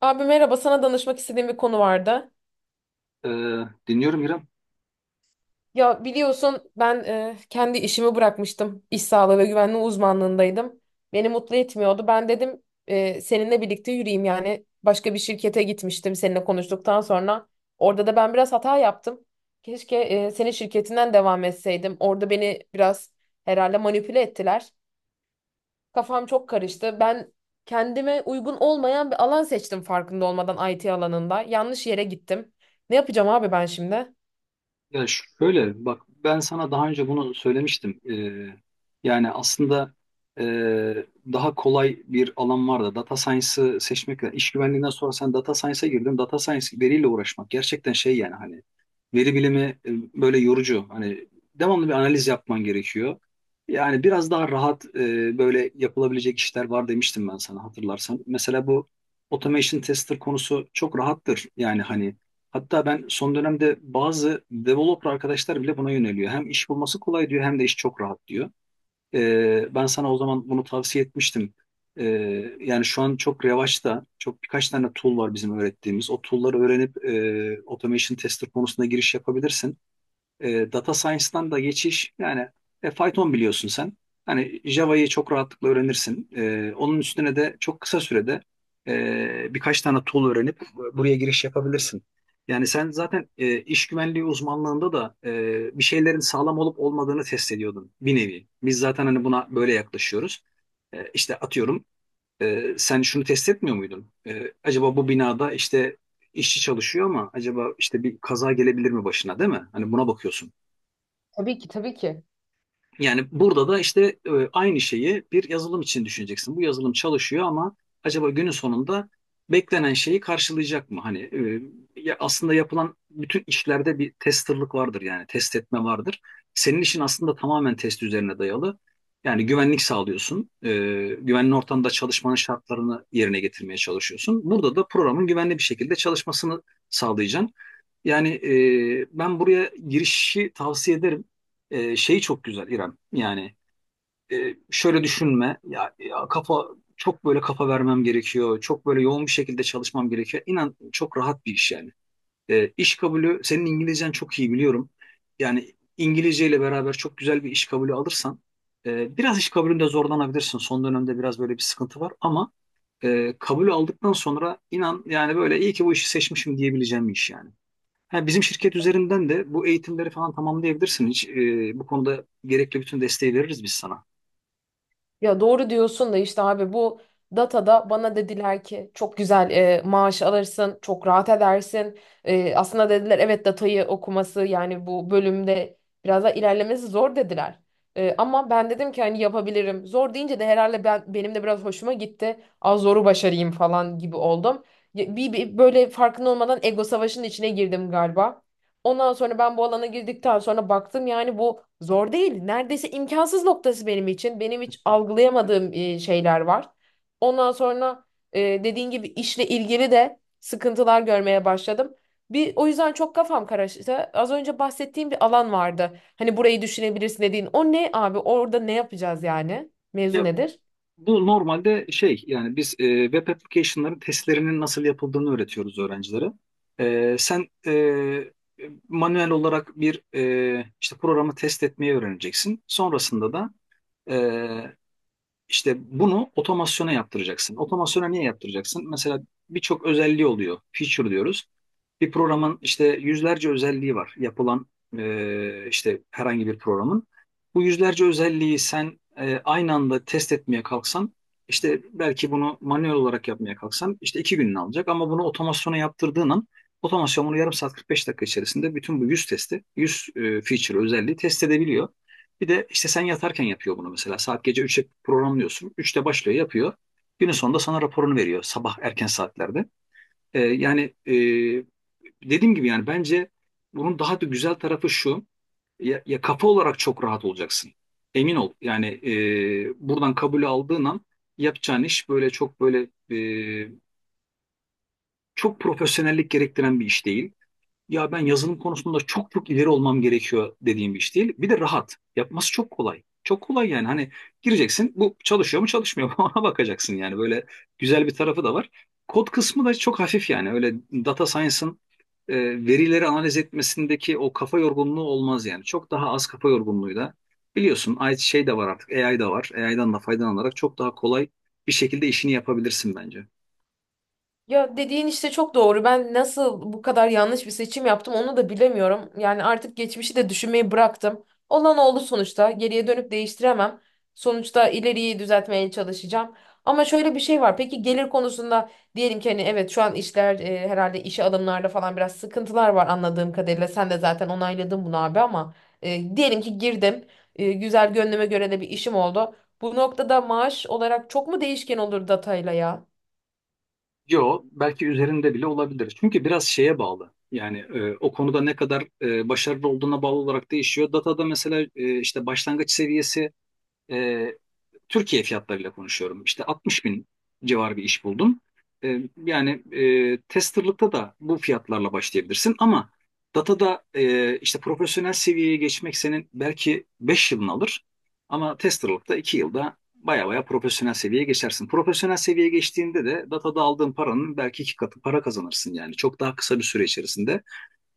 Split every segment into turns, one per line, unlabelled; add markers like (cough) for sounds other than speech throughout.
Abi merhaba, sana danışmak istediğim bir konu vardı.
Ee, Dinliyorum İrem.
Ya biliyorsun ben kendi işimi bırakmıştım. İş sağlığı ve güvenliği uzmanlığındaydım. Beni mutlu etmiyordu. Ben dedim seninle birlikte yürüyeyim yani. Başka bir şirkete gitmiştim seninle konuştuktan sonra. Orada da ben biraz hata yaptım. Keşke senin şirketinden devam etseydim. Orada beni biraz herhalde manipüle ettiler. Kafam çok karıştı. Ben kendime uygun olmayan bir alan seçtim farkında olmadan IT alanında. Yanlış yere gittim. Ne yapacağım abi ben şimdi?
Ya şöyle bak, ben sana daha önce bunu söylemiştim. Yani aslında ee, daha kolay bir alan var da data science'ı seçmek. İş güvenliğinden sonra sen data science'a girdin. Data science, veriyle uğraşmak gerçekten şey yani hani veri bilimi e, böyle yorucu. Hani devamlı bir analiz yapman gerekiyor. Yani biraz daha rahat böyle yapılabilecek işler var demiştim ben sana, hatırlarsan. Mesela bu automation tester konusu çok rahattır. Yani hani hatta ben son dönemde bazı developer arkadaşlar bile buna yöneliyor. Hem iş bulması kolay diyor, hem de iş çok rahat diyor. Ben sana o zaman bunu tavsiye etmiştim. Ee, Yani şu an çok revaçta, çok birkaç tane tool var bizim öğrettiğimiz. O tool'ları öğrenip automation tester konusunda giriş yapabilirsin. Data science'dan da geçiş yani Python biliyorsun sen. Hani Java'yı çok rahatlıkla öğrenirsin. Onun üstüne de çok kısa sürede birkaç tane tool öğrenip buraya giriş yapabilirsin. Yani sen zaten iş güvenliği uzmanlığında da bir şeylerin sağlam olup olmadığını test ediyordun bir nevi. Biz zaten hani buna böyle yaklaşıyoruz. İşte atıyorum, sen şunu test etmiyor muydun? Acaba bu binada işte işçi çalışıyor ama acaba işte bir kaza gelebilir mi başına, değil mi? Hani buna bakıyorsun.
Tabii ki, tabii ki.
Yani burada da işte aynı şeyi bir yazılım için düşüneceksin. Bu yazılım çalışıyor ama acaba günün sonunda beklenen şeyi karşılayacak mı? Hani ya aslında yapılan bütün işlerde bir testerlık vardır, yani test etme vardır. Senin işin aslında tamamen test üzerine dayalı. Yani güvenlik sağlıyorsun. Güvenli ortamda çalışmanın şartlarını yerine getirmeye çalışıyorsun. Burada da programın güvenli bir şekilde çalışmasını sağlayacaksın. Yani ben buraya girişi tavsiye ederim. Şeyi çok güzel, İrem. Yani şöyle düşünme. Ya, ya kafa, çok böyle kafa vermem gerekiyor. Çok böyle yoğun bir şekilde çalışmam gerekiyor. İnan çok rahat bir iş yani. İş kabulü, senin İngilizcen çok iyi, biliyorum. Yani İngilizce ile beraber çok güzel bir iş kabulü alırsan, biraz iş kabulünde zorlanabilirsin. Son dönemde biraz böyle bir sıkıntı var ama kabulü aldıktan sonra inan, yani böyle iyi ki bu işi seçmişim diyebileceğim bir iş yani. Ha, bizim şirket üzerinden de bu eğitimleri falan tamamlayabilirsin. Hiç, bu konuda gerekli bütün desteği veririz biz sana.
Ya doğru diyorsun da işte abi bu datada bana dediler ki çok güzel maaş alırsın, çok rahat edersin. E, aslında dediler evet datayı okuması yani bu bölümde biraz daha ilerlemesi zor dediler. E, ama ben dedim ki hani yapabilirim. Zor deyince de herhalde benim de biraz hoşuma gitti. Az zoru başarayım falan gibi oldum. Ya, bir böyle farkında olmadan ego savaşının içine girdim galiba. Ondan sonra ben bu alana girdikten sonra baktım yani bu zor değil. Neredeyse imkansız noktası benim için. Benim hiç algılayamadığım şeyler var. Ondan sonra dediğin gibi işle ilgili de sıkıntılar görmeye başladım. Bir o yüzden çok kafam karıştı. Az önce bahsettiğim bir alan vardı. Hani burayı düşünebilirsin dediğin. O ne abi? Orada ne yapacağız yani? Mevzu
Ya
nedir?
bu normalde şey, yani biz web application'ların testlerinin nasıl yapıldığını öğretiyoruz öğrencilere. Sen manuel olarak bir işte programı test etmeyi öğreneceksin. Sonrasında da e, İşte bunu otomasyona yaptıracaksın. Otomasyona niye yaptıracaksın? Mesela birçok özelliği oluyor. Feature diyoruz. Bir programın işte yüzlerce özelliği var. Yapılan işte herhangi bir programın. Bu yüzlerce özelliği sen aynı anda test etmeye kalksan, işte belki bunu manuel olarak yapmaya kalksan işte 2 gününü alacak ama bunu otomasyona yaptırdığın an otomasyon bunu yarım saat 45 dakika içerisinde bütün bu 100 testi, 100 feature özelliği test edebiliyor. Bir de işte sen yatarken yapıyor bunu mesela. Saat gece 3'e programlıyorsun. Üçte başlıyor yapıyor. Günün sonunda sana raporunu veriyor, sabah erken saatlerde. Yani e, dediğim gibi yani bence bunun daha da güzel tarafı şu. Ya, ya kafa olarak çok rahat olacaksın. Emin ol. Yani buradan kabul aldığın an yapacağın iş böyle çok böyle e, çok profesyonellik gerektiren bir iş değil, ya ben yazılım konusunda çok çok ileri olmam gerekiyor dediğim bir iş değil. Bir de rahat. Yapması çok kolay. Çok kolay yani hani, gireceksin, bu çalışıyor mu çalışmıyor mu (laughs) ona bakacaksın, yani böyle güzel bir tarafı da var. Kod kısmı da çok hafif yani, öyle data science'ın e, verileri analiz etmesindeki o kafa yorgunluğu olmaz yani. Çok daha az kafa yorgunluğuyla, biliyorsun şey de var artık, AI da var. AI'dan da faydalanarak çok daha kolay bir şekilde işini yapabilirsin bence.
Ya dediğin işte çok doğru. Ben nasıl bu kadar yanlış bir seçim yaptım onu da bilemiyorum. Yani artık geçmişi de düşünmeyi bıraktım. Olan oldu sonuçta. Geriye dönüp değiştiremem. Sonuçta ileriyi düzeltmeye çalışacağım. Ama şöyle bir şey var. Peki gelir konusunda diyelim ki hani evet şu an işler herhalde işe alımlarda falan biraz sıkıntılar var anladığım kadarıyla. Sen de zaten onayladın bunu abi ama diyelim ki girdim. E, güzel gönlüme göre de bir işim oldu. Bu noktada maaş olarak çok mu değişken olur datayla ya?
Yo, belki üzerinde bile olabilir. Çünkü biraz şeye bağlı. Yani o konuda ne kadar başarılı olduğuna bağlı olarak değişiyor. Datada mesela işte başlangıç seviyesi, e, Türkiye fiyatlarıyla konuşuyorum, İşte 60 bin civarı bir iş buldum. E, Yani testerlıkta da bu fiyatlarla başlayabilirsin ama datada işte profesyonel seviyeye geçmek senin belki 5 yılını alır ama testerlıkta 2 yılda baya baya profesyonel seviyeye geçersin. Profesyonel seviyeye geçtiğinde de datada aldığın paranın belki iki katı para kazanırsın, yani çok daha kısa bir süre içerisinde.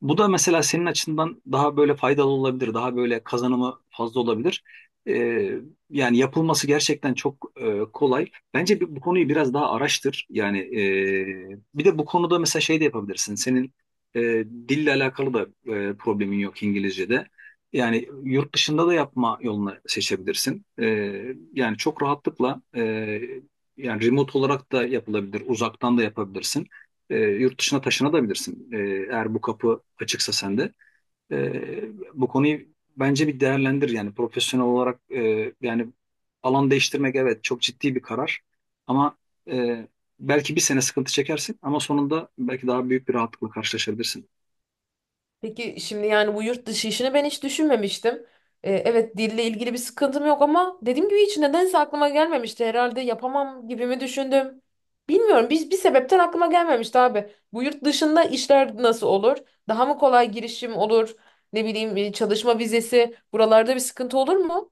Bu da mesela senin açından daha böyle faydalı olabilir, daha böyle kazanımı fazla olabilir. Ee, Yani yapılması gerçekten çok kolay. Bence bu konuyu biraz daha araştır. Yani bir de bu konuda mesela şey de yapabilirsin. Senin e, dille alakalı da problemin yok İngilizce'de. Yani yurt dışında da yapma yolunu seçebilirsin. Yani çok rahatlıkla yani remote olarak da yapılabilir, uzaktan da yapabilirsin. Yurt dışına taşınabilirsin. Eğer bu kapı açıksa sende. E, Bu konuyu bence bir değerlendir, yani profesyonel olarak. Yani alan değiştirmek, evet, çok ciddi bir karar ama e, belki bir sene sıkıntı çekersin ama sonunda belki daha büyük bir rahatlıkla karşılaşabilirsin.
Peki şimdi yani bu yurt dışı işini ben hiç düşünmemiştim. Evet dille ilgili bir sıkıntım yok ama dediğim gibi hiç nedense aklıma gelmemişti. Herhalde yapamam gibi mi düşündüm? Bilmiyorum. Biz bir sebepten aklıma gelmemişti abi. Bu yurt dışında işler nasıl olur? Daha mı kolay girişim olur? Ne bileyim çalışma vizesi buralarda bir sıkıntı olur mu?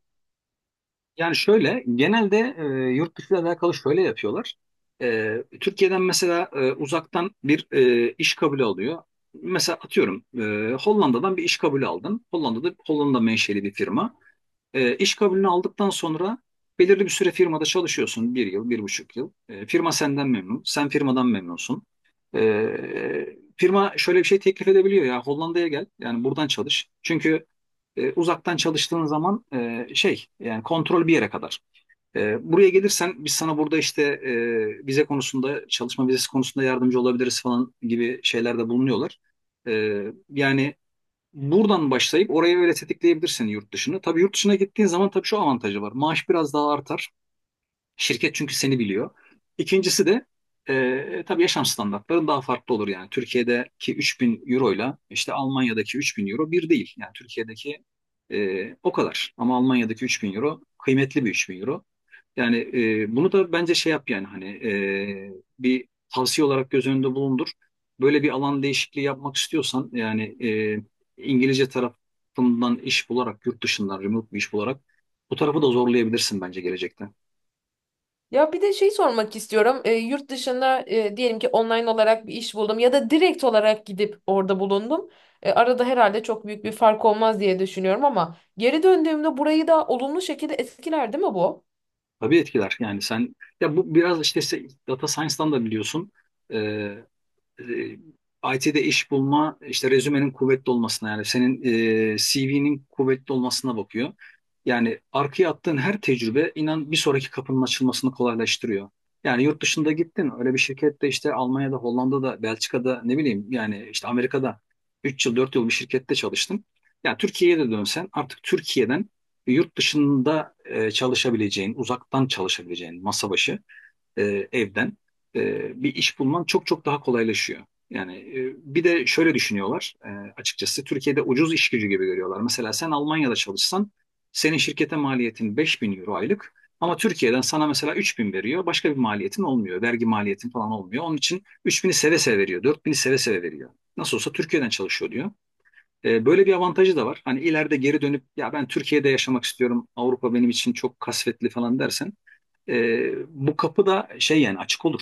Yani şöyle, genelde yurt dışı ile alakalı şöyle yapıyorlar. Türkiye'den mesela uzaktan bir iş kabulü alıyor. Mesela atıyorum, Hollanda'dan bir iş kabulü aldın. Hollanda'da, Hollanda menşeli bir firma. İş kabulünü aldıktan sonra belirli bir süre firmada çalışıyorsun. Bir yıl, bir buçuk yıl. Firma senden memnun, sen firmadan memnunsun. Firma şöyle bir şey teklif edebiliyor: ya Hollanda'ya gel, yani buradan çalış. Çünkü uzaktan çalıştığın zaman şey, yani kontrol bir yere kadar. Buraya gelirsen biz sana burada işte vize konusunda, çalışma vizesi konusunda yardımcı olabiliriz falan gibi şeylerde bulunuyorlar. E, Yani buradan başlayıp orayı öyle tetikleyebilirsin, yurt dışını. Tabii yurt dışına gittiğin zaman tabii şu avantajı var: maaş biraz daha artar. Şirket çünkü seni biliyor. İkincisi de, tabii yaşam standartların daha farklı olur yani. Türkiye'deki 3.000 euro ile işte Almanya'daki 3.000 euro bir değil. Yani Türkiye'deki, o kadar. Ama Almanya'daki 3.000 euro kıymetli bir 3.000 euro. Yani bunu da bence şey yap, yani hani bir tavsiye olarak göz önünde bulundur. Böyle bir alan değişikliği yapmak istiyorsan, yani İngilizce tarafından iş bularak, yurt dışından remote bir iş bularak bu tarafı da zorlayabilirsin bence gelecekte.
Ya bir de şey sormak istiyorum. Yurt dışında diyelim ki online olarak bir iş buldum ya da direkt olarak gidip orada bulundum. Arada herhalde çok büyük bir fark olmaz diye düşünüyorum ama geri döndüğümde burayı da olumlu şekilde etkiler değil mi bu?
Tabii etkiler. Yani sen, ya bu biraz işte data science'dan da biliyorsun. Ee, IT'de iş bulma işte rezümenin kuvvetli olmasına, yani senin CV'nin kuvvetli olmasına bakıyor. Yani arkaya attığın her tecrübe, inan, bir sonraki kapının açılmasını kolaylaştırıyor. Yani yurt dışında gittin, öyle bir şirkette işte Almanya'da, Hollanda'da, Belçika'da, ne bileyim yani, işte Amerika'da 3 yıl 4 yıl bir şirkette çalıştım. Yani Türkiye'ye de dönsen artık Türkiye'den yurt dışında çalışabileceğin, uzaktan çalışabileceğin, masa başı, evden bir iş bulman çok çok daha kolaylaşıyor. Yani bir de şöyle düşünüyorlar açıkçası, Türkiye'de ucuz iş gücü gibi görüyorlar. Mesela sen Almanya'da çalışsan senin şirkete maliyetin 5.000 euro aylık ama Türkiye'den sana mesela 3.000 veriyor, başka bir maliyetin olmuyor. Vergi maliyetin falan olmuyor. Onun için 3.000'i seve seve veriyor, 4.000'i seve seve veriyor. Nasıl olsa Türkiye'den çalışıyor diyor. Böyle bir avantajı da var. Hani ileride geri dönüp ya ben Türkiye'de yaşamak istiyorum, Avrupa benim için çok kasvetli falan dersen, bu kapı da şey, yani açık olur.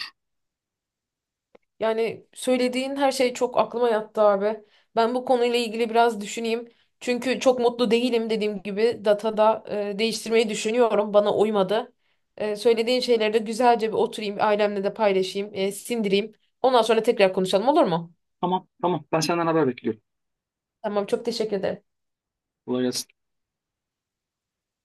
Yani söylediğin her şey çok aklıma yattı abi. Ben bu konuyla ilgili biraz düşüneyim. Çünkü çok mutlu değilim dediğim gibi datada değiştirmeyi düşünüyorum. Bana uymadı. E, söylediğin şeyleri de güzelce bir oturayım, ailemle de paylaşayım, sindireyim. Ondan sonra tekrar konuşalım olur mu?
Tamam tamam, ben senden haber bekliyorum.
Tamam çok teşekkür ederim.
Kolay gelsin.